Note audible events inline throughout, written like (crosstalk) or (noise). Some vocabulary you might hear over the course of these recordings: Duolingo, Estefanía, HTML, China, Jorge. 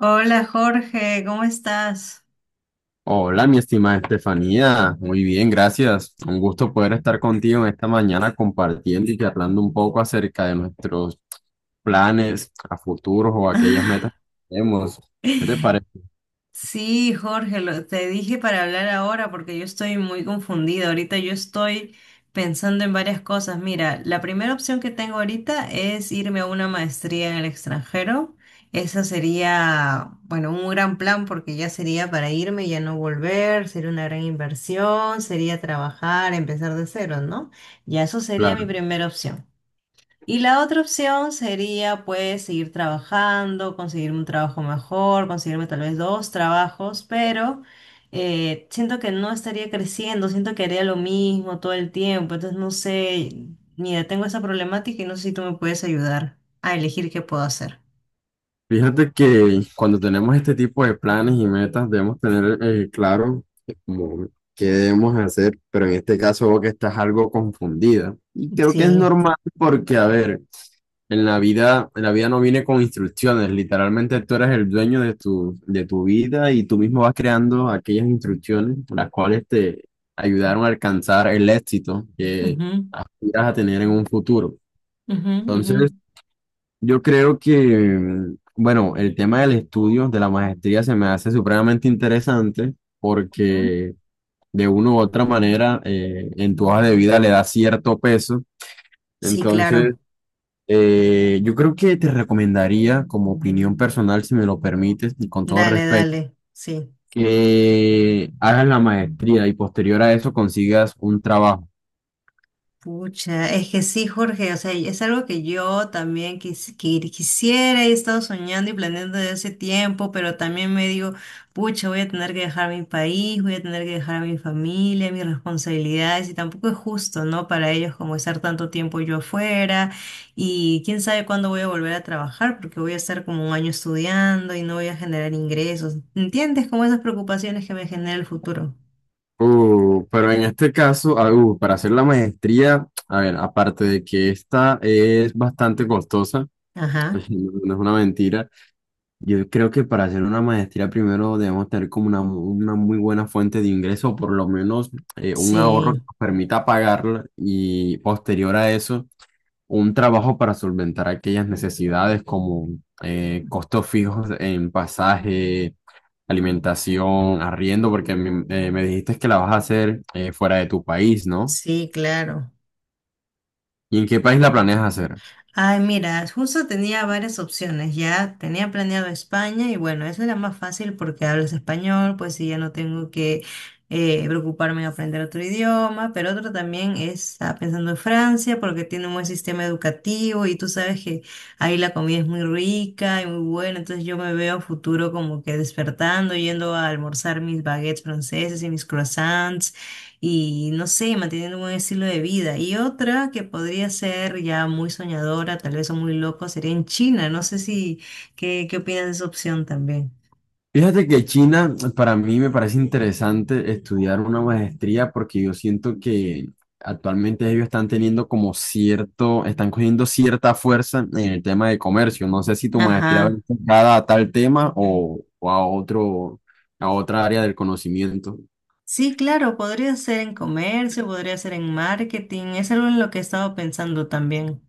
Hola Jorge, ¿cómo estás? Hola, mi estimada Estefanía. Muy bien, gracias. Un gusto poder estar contigo en esta mañana compartiendo y charlando un poco acerca de nuestros planes a futuros o aquellas metas que tenemos. ¿Qué te parece? (laughs) Sí, Jorge, te dije para hablar ahora porque yo estoy muy confundida. Ahorita yo estoy pensando en varias cosas. Mira, la primera opción que tengo ahorita es irme a una maestría en el extranjero. Esa sería, bueno, un gran plan porque ya sería para irme y ya no volver, sería una gran inversión, sería trabajar, empezar de cero, ¿no? Ya eso sería Claro. mi primera opción. Y la otra opción sería pues seguir trabajando, conseguirme un trabajo mejor, conseguirme tal vez dos trabajos, pero siento que no estaría creciendo, siento que haría lo mismo todo el tiempo, entonces no sé, mira, tengo esa problemática y no sé si tú me puedes ayudar a elegir qué puedo hacer. Fíjate que cuando tenemos este tipo de planes y metas debemos tener claro como qué debemos hacer, pero en este caso veo que estás algo confundida. Y creo que es Sí. normal porque, a ver, en la vida no viene con instrucciones, literalmente tú eres el dueño de tu vida y tú mismo vas creando aquellas instrucciones las cuales te ayudaron a alcanzar el éxito que Ujú, aspiras a tener en un futuro. ujú, ujú, Entonces, yo creo que, bueno, el tema del estudio, de la maestría, se me hace supremamente interesante ujú. porque de una u otra manera en tu hoja de vida le da cierto peso. Sí, Entonces, claro. Yo creo que te recomendaría, como opinión personal, si me lo permites, y con todo Dale, respeto, dale. Sí. que hagas la maestría y posterior a eso consigas un trabajo. Pucha, es que sí, Jorge, o sea, es algo que yo también que quisiera, he estado soñando y planeando desde hace tiempo, pero también me digo, pucha, voy a tener que dejar mi país, voy a tener que dejar a mi familia, mis responsabilidades, y tampoco es justo, ¿no? Para ellos como estar tanto tiempo yo afuera, y quién sabe cuándo voy a volver a trabajar, porque voy a estar como un año estudiando y no voy a generar ingresos. ¿Entiendes? Como esas preocupaciones que me genera el futuro. Pero en este caso, para hacer la maestría, a ver, aparte de que esta es bastante costosa, (laughs) Ajá, no es una mentira, yo creo que para hacer una maestría primero debemos tener como una muy buena fuente de ingreso, o por lo menos un ahorro que sí, nos permita pagarla y posterior a eso un trabajo para solventar aquellas necesidades como costos fijos en pasaje, alimentación, arriendo, porque me, me dijiste que la vas a hacer fuera de tu país, ¿no? sí, claro. ¿Y en qué país la planeas hacer? Ay, mira, justo tenía varias opciones, ya tenía planeado España y bueno, eso era más fácil porque hablas español, pues y ya no tengo que preocuparme en aprender otro idioma, pero otro también es, estaba pensando en Francia porque tiene un buen sistema educativo y tú sabes que ahí la comida es muy rica y muy buena, entonces yo me veo a futuro como que despertando, yendo a almorzar mis baguettes franceses y mis croissants y no sé, manteniendo un buen estilo de vida. Y otra que podría ser ya muy soñadora, tal vez o muy loco, sería en China. No sé si, ¿qué, qué opinas de esa opción también? Fíjate que China, para mí me parece interesante estudiar una maestría porque yo siento que actualmente ellos están teniendo como cierto, están cogiendo cierta fuerza en el tema de comercio. No sé si tu maestría va Ajá. enfocada a tal tema o a otro, a otra área del conocimiento. Sí, claro, podría ser en comercio, podría ser en marketing, es algo en lo que he estado pensando también.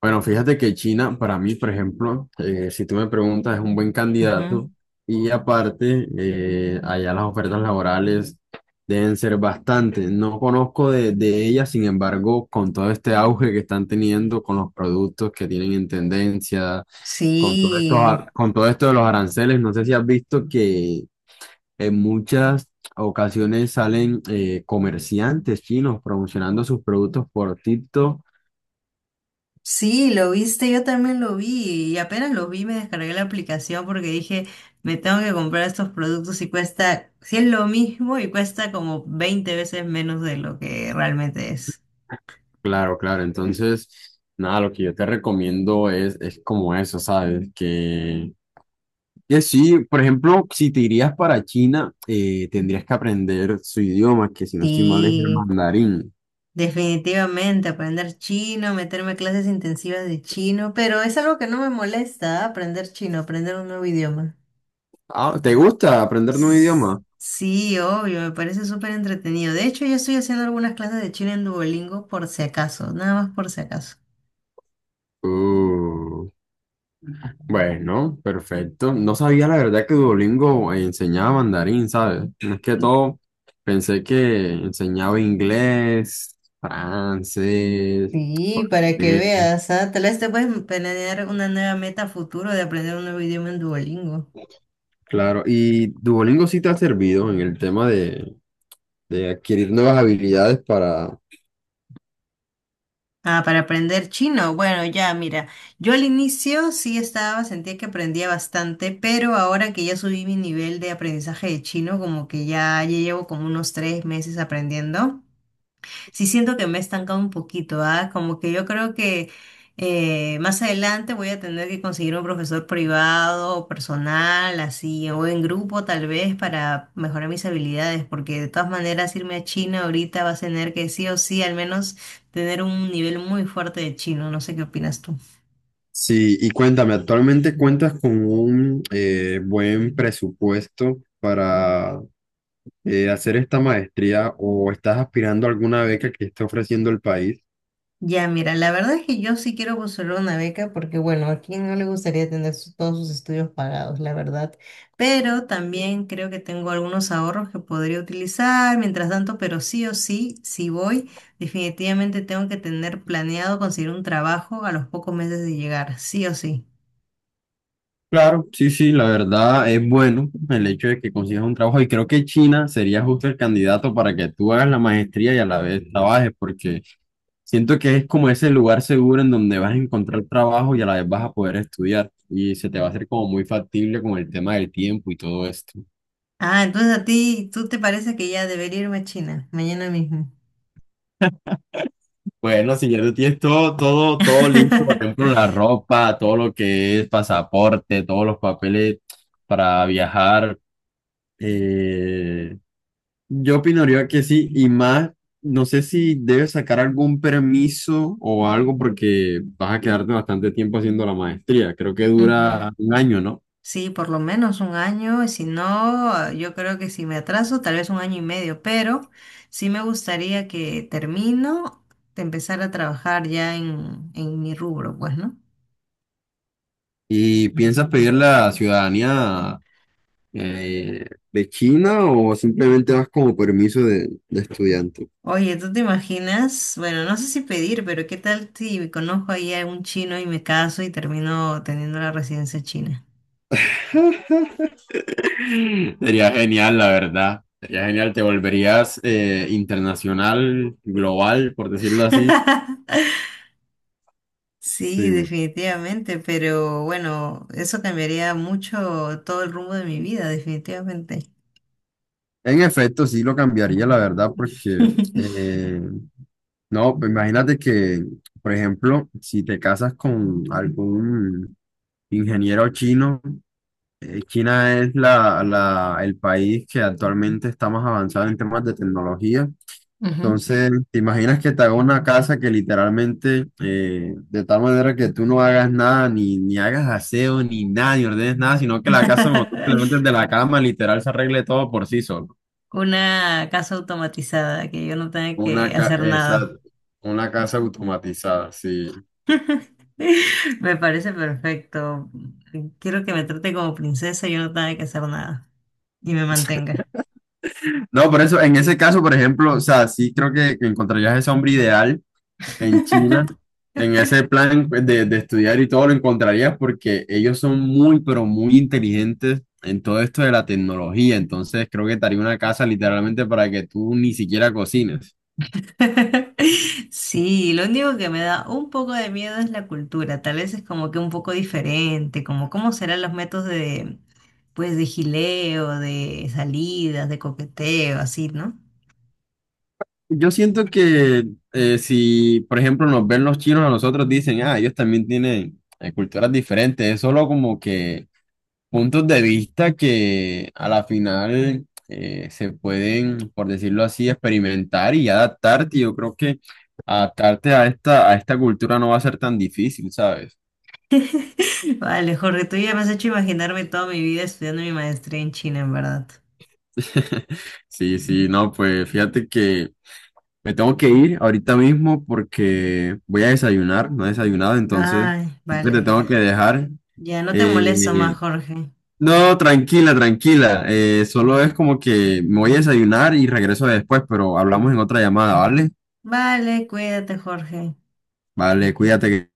Bueno, fíjate que China, para mí, por ejemplo, si tú me preguntas, es un buen Ujú. candidato y aparte, allá las ofertas laborales deben ser bastante. No conozco de ellas, sin embargo, con todo este auge que están teniendo, con los productos que tienen en tendencia, con todo esto, Sí. Con todo esto de los aranceles, no sé si has visto que en muchas ocasiones salen comerciantes chinos promocionando sus productos por TikTok. Sí, lo viste, yo también lo vi y apenas lo vi me descargué la aplicación porque dije, me tengo que comprar estos productos y cuesta, si es lo mismo y cuesta como 20 veces menos de lo que realmente es. Claro, claro. Entonces, nada, lo que yo te recomiendo es como eso, ¿sabes? Que sí, por ejemplo, si te irías para China, tendrías que aprender su idioma, que si no estoy mal es el Sí, mandarín. definitivamente, aprender chino, meterme a clases intensivas de chino, pero es algo que no me molesta, ¿ah? Aprender chino, aprender un nuevo idioma. Ah, ¿te gusta aprender nuevo S- idioma? Sí, obvio, me parece súper entretenido. De hecho, yo estoy haciendo algunas clases de chino en Duolingo por si acaso, nada más por si acaso. Uh, bueno, perfecto. No sabía la verdad que Duolingo enseñaba mandarín, ¿sabes? Es que todo, pensé que enseñaba inglés, francés, Sí, para que portugués. veas, ah, tal vez te puedes planear una nueva meta a futuro de aprender un nuevo idioma en Duolingo. Claro, ¿y Duolingo sí te ha servido en el tema de adquirir nuevas habilidades para... Ah, para aprender chino. Bueno, ya, mira, yo al inicio sí estaba, sentía que aprendía bastante, pero ahora que ya subí mi nivel de aprendizaje de chino, como que ya, ya llevo como unos 3 meses aprendiendo. Sí siento que me he estancado un poquito, ¿ah? Como que yo creo que más adelante voy a tener que conseguir un profesor privado o personal, así, o en grupo tal vez para mejorar mis habilidades, porque de todas maneras irme a China ahorita vas a tener que sí o sí al menos tener un nivel muy fuerte de chino, no sé qué opinas tú. Sí, y cuéntame, ¿actualmente cuentas con un buen presupuesto para hacer esta maestría o estás aspirando a alguna beca que esté ofreciendo el país? Ya, mira, la verdad es que yo sí quiero buscar una beca porque, bueno, a quién no le gustaría tener todos sus estudios pagados, la verdad. Pero también creo que tengo algunos ahorros que podría utilizar mientras tanto, pero sí o sí, si voy, definitivamente tengo que tener planeado conseguir un trabajo a los pocos meses de llegar, sí o sí. Claro, sí, sí, la verdad es bueno el hecho de que consigas un trabajo y creo que China sería justo el candidato para que tú hagas la maestría y a la vez trabajes, porque siento que es como ese lugar seguro en donde vas a encontrar trabajo y a la vez vas a poder estudiar y se te va a hacer como muy factible con el tema del tiempo y todo esto. Ah, entonces a ti, ¿tú te parece que ya debería irme a China mañana mismo? Bueno, si ya tú tienes todo listo, por ejemplo, la (laughs) ropa, todo lo que es pasaporte, todos los papeles para viajar. eh, Yo opinaría que sí, y más, no sé si debes sacar algún permiso o algo porque vas a quedarte bastante tiempo haciendo la maestría. Creo que Ujú. dura un año, ¿no? Sí, por lo menos un año, y si no, yo creo que si me atraso, tal vez un año y medio, pero sí me gustaría que termino de empezar a trabajar ya en, mi rubro, pues, ¿no? ¿Y piensas pedir la ciudadanía eh, de China o simplemente vas como permiso de estudiante? Oye, ¿tú te imaginas? Bueno, no sé si pedir, pero ¿qué tal si conozco ahí a un chino y me caso y termino teniendo la residencia china? (laughs) Sería genial, la verdad. Sería genial, te volverías internacional, global, por decirlo así. (laughs) Sí, Sí. definitivamente, pero bueno, eso cambiaría mucho todo el rumbo de mi vida, definitivamente. En efecto, sí lo cambiaría, la verdad, porque (laughs) eh, no, pues imagínate que, por ejemplo, si te casas con algún ingeniero chino, China es el país que actualmente está más avanzado en temas de tecnología. Ujú. Entonces, ¿te imaginas que te haga una casa que literalmente, de tal manera que tú no hagas nada, ni hagas aseo, ni nada, ni ordenes nada, sino que la casa, como tú te levantes (laughs) de la cama, literal se arregle todo por sí solo? Una casa automatizada, que yo no tenga que hacer nada. Exacto, una casa automatizada, sí. (laughs) Me parece perfecto. Quiero que me trate como princesa y yo no tenga que hacer nada. Y me mantenga. No, por eso, en ese caso, por ejemplo, o sea, sí creo que encontrarías ese hombre ideal en China, (laughs) en ese plan pues, de estudiar y todo lo encontrarías porque ellos son muy, pero muy inteligentes en todo esto de la tecnología. Entonces, creo que te haría una casa literalmente para que tú ni siquiera cocines. Sí, lo único que me da un poco de miedo es la cultura. Tal vez es como que un poco diferente, como cómo serán los métodos de, pues, de gileo, de salidas, de coqueteo, así, ¿no? Yo siento que si, por ejemplo, nos ven los chinos a nosotros, dicen, ah, ellos también tienen culturas diferentes, es solo como que puntos de vista que a la final se pueden, por decirlo así, experimentar y adaptarte. Yo creo que adaptarte a esta cultura no va a ser tan difícil, ¿sabes? (laughs) Vale, Jorge, tú ya me has hecho imaginarme toda mi vida estudiando mi maestría en China, en verdad. (laughs) Sí, sí, no, pues fíjate que me tengo que ir ahorita mismo porque voy a desayunar, no he desayunado, entonces Ay, creo que te vale. tengo que dejar. Ya no te Eh, molesto más, Jorge. no, tranquila, tranquila, solo es como que me voy a desayunar y regreso después, pero hablamos en otra llamada, ¿vale? Vale, cuídate, Jorge. Vale, cuídate.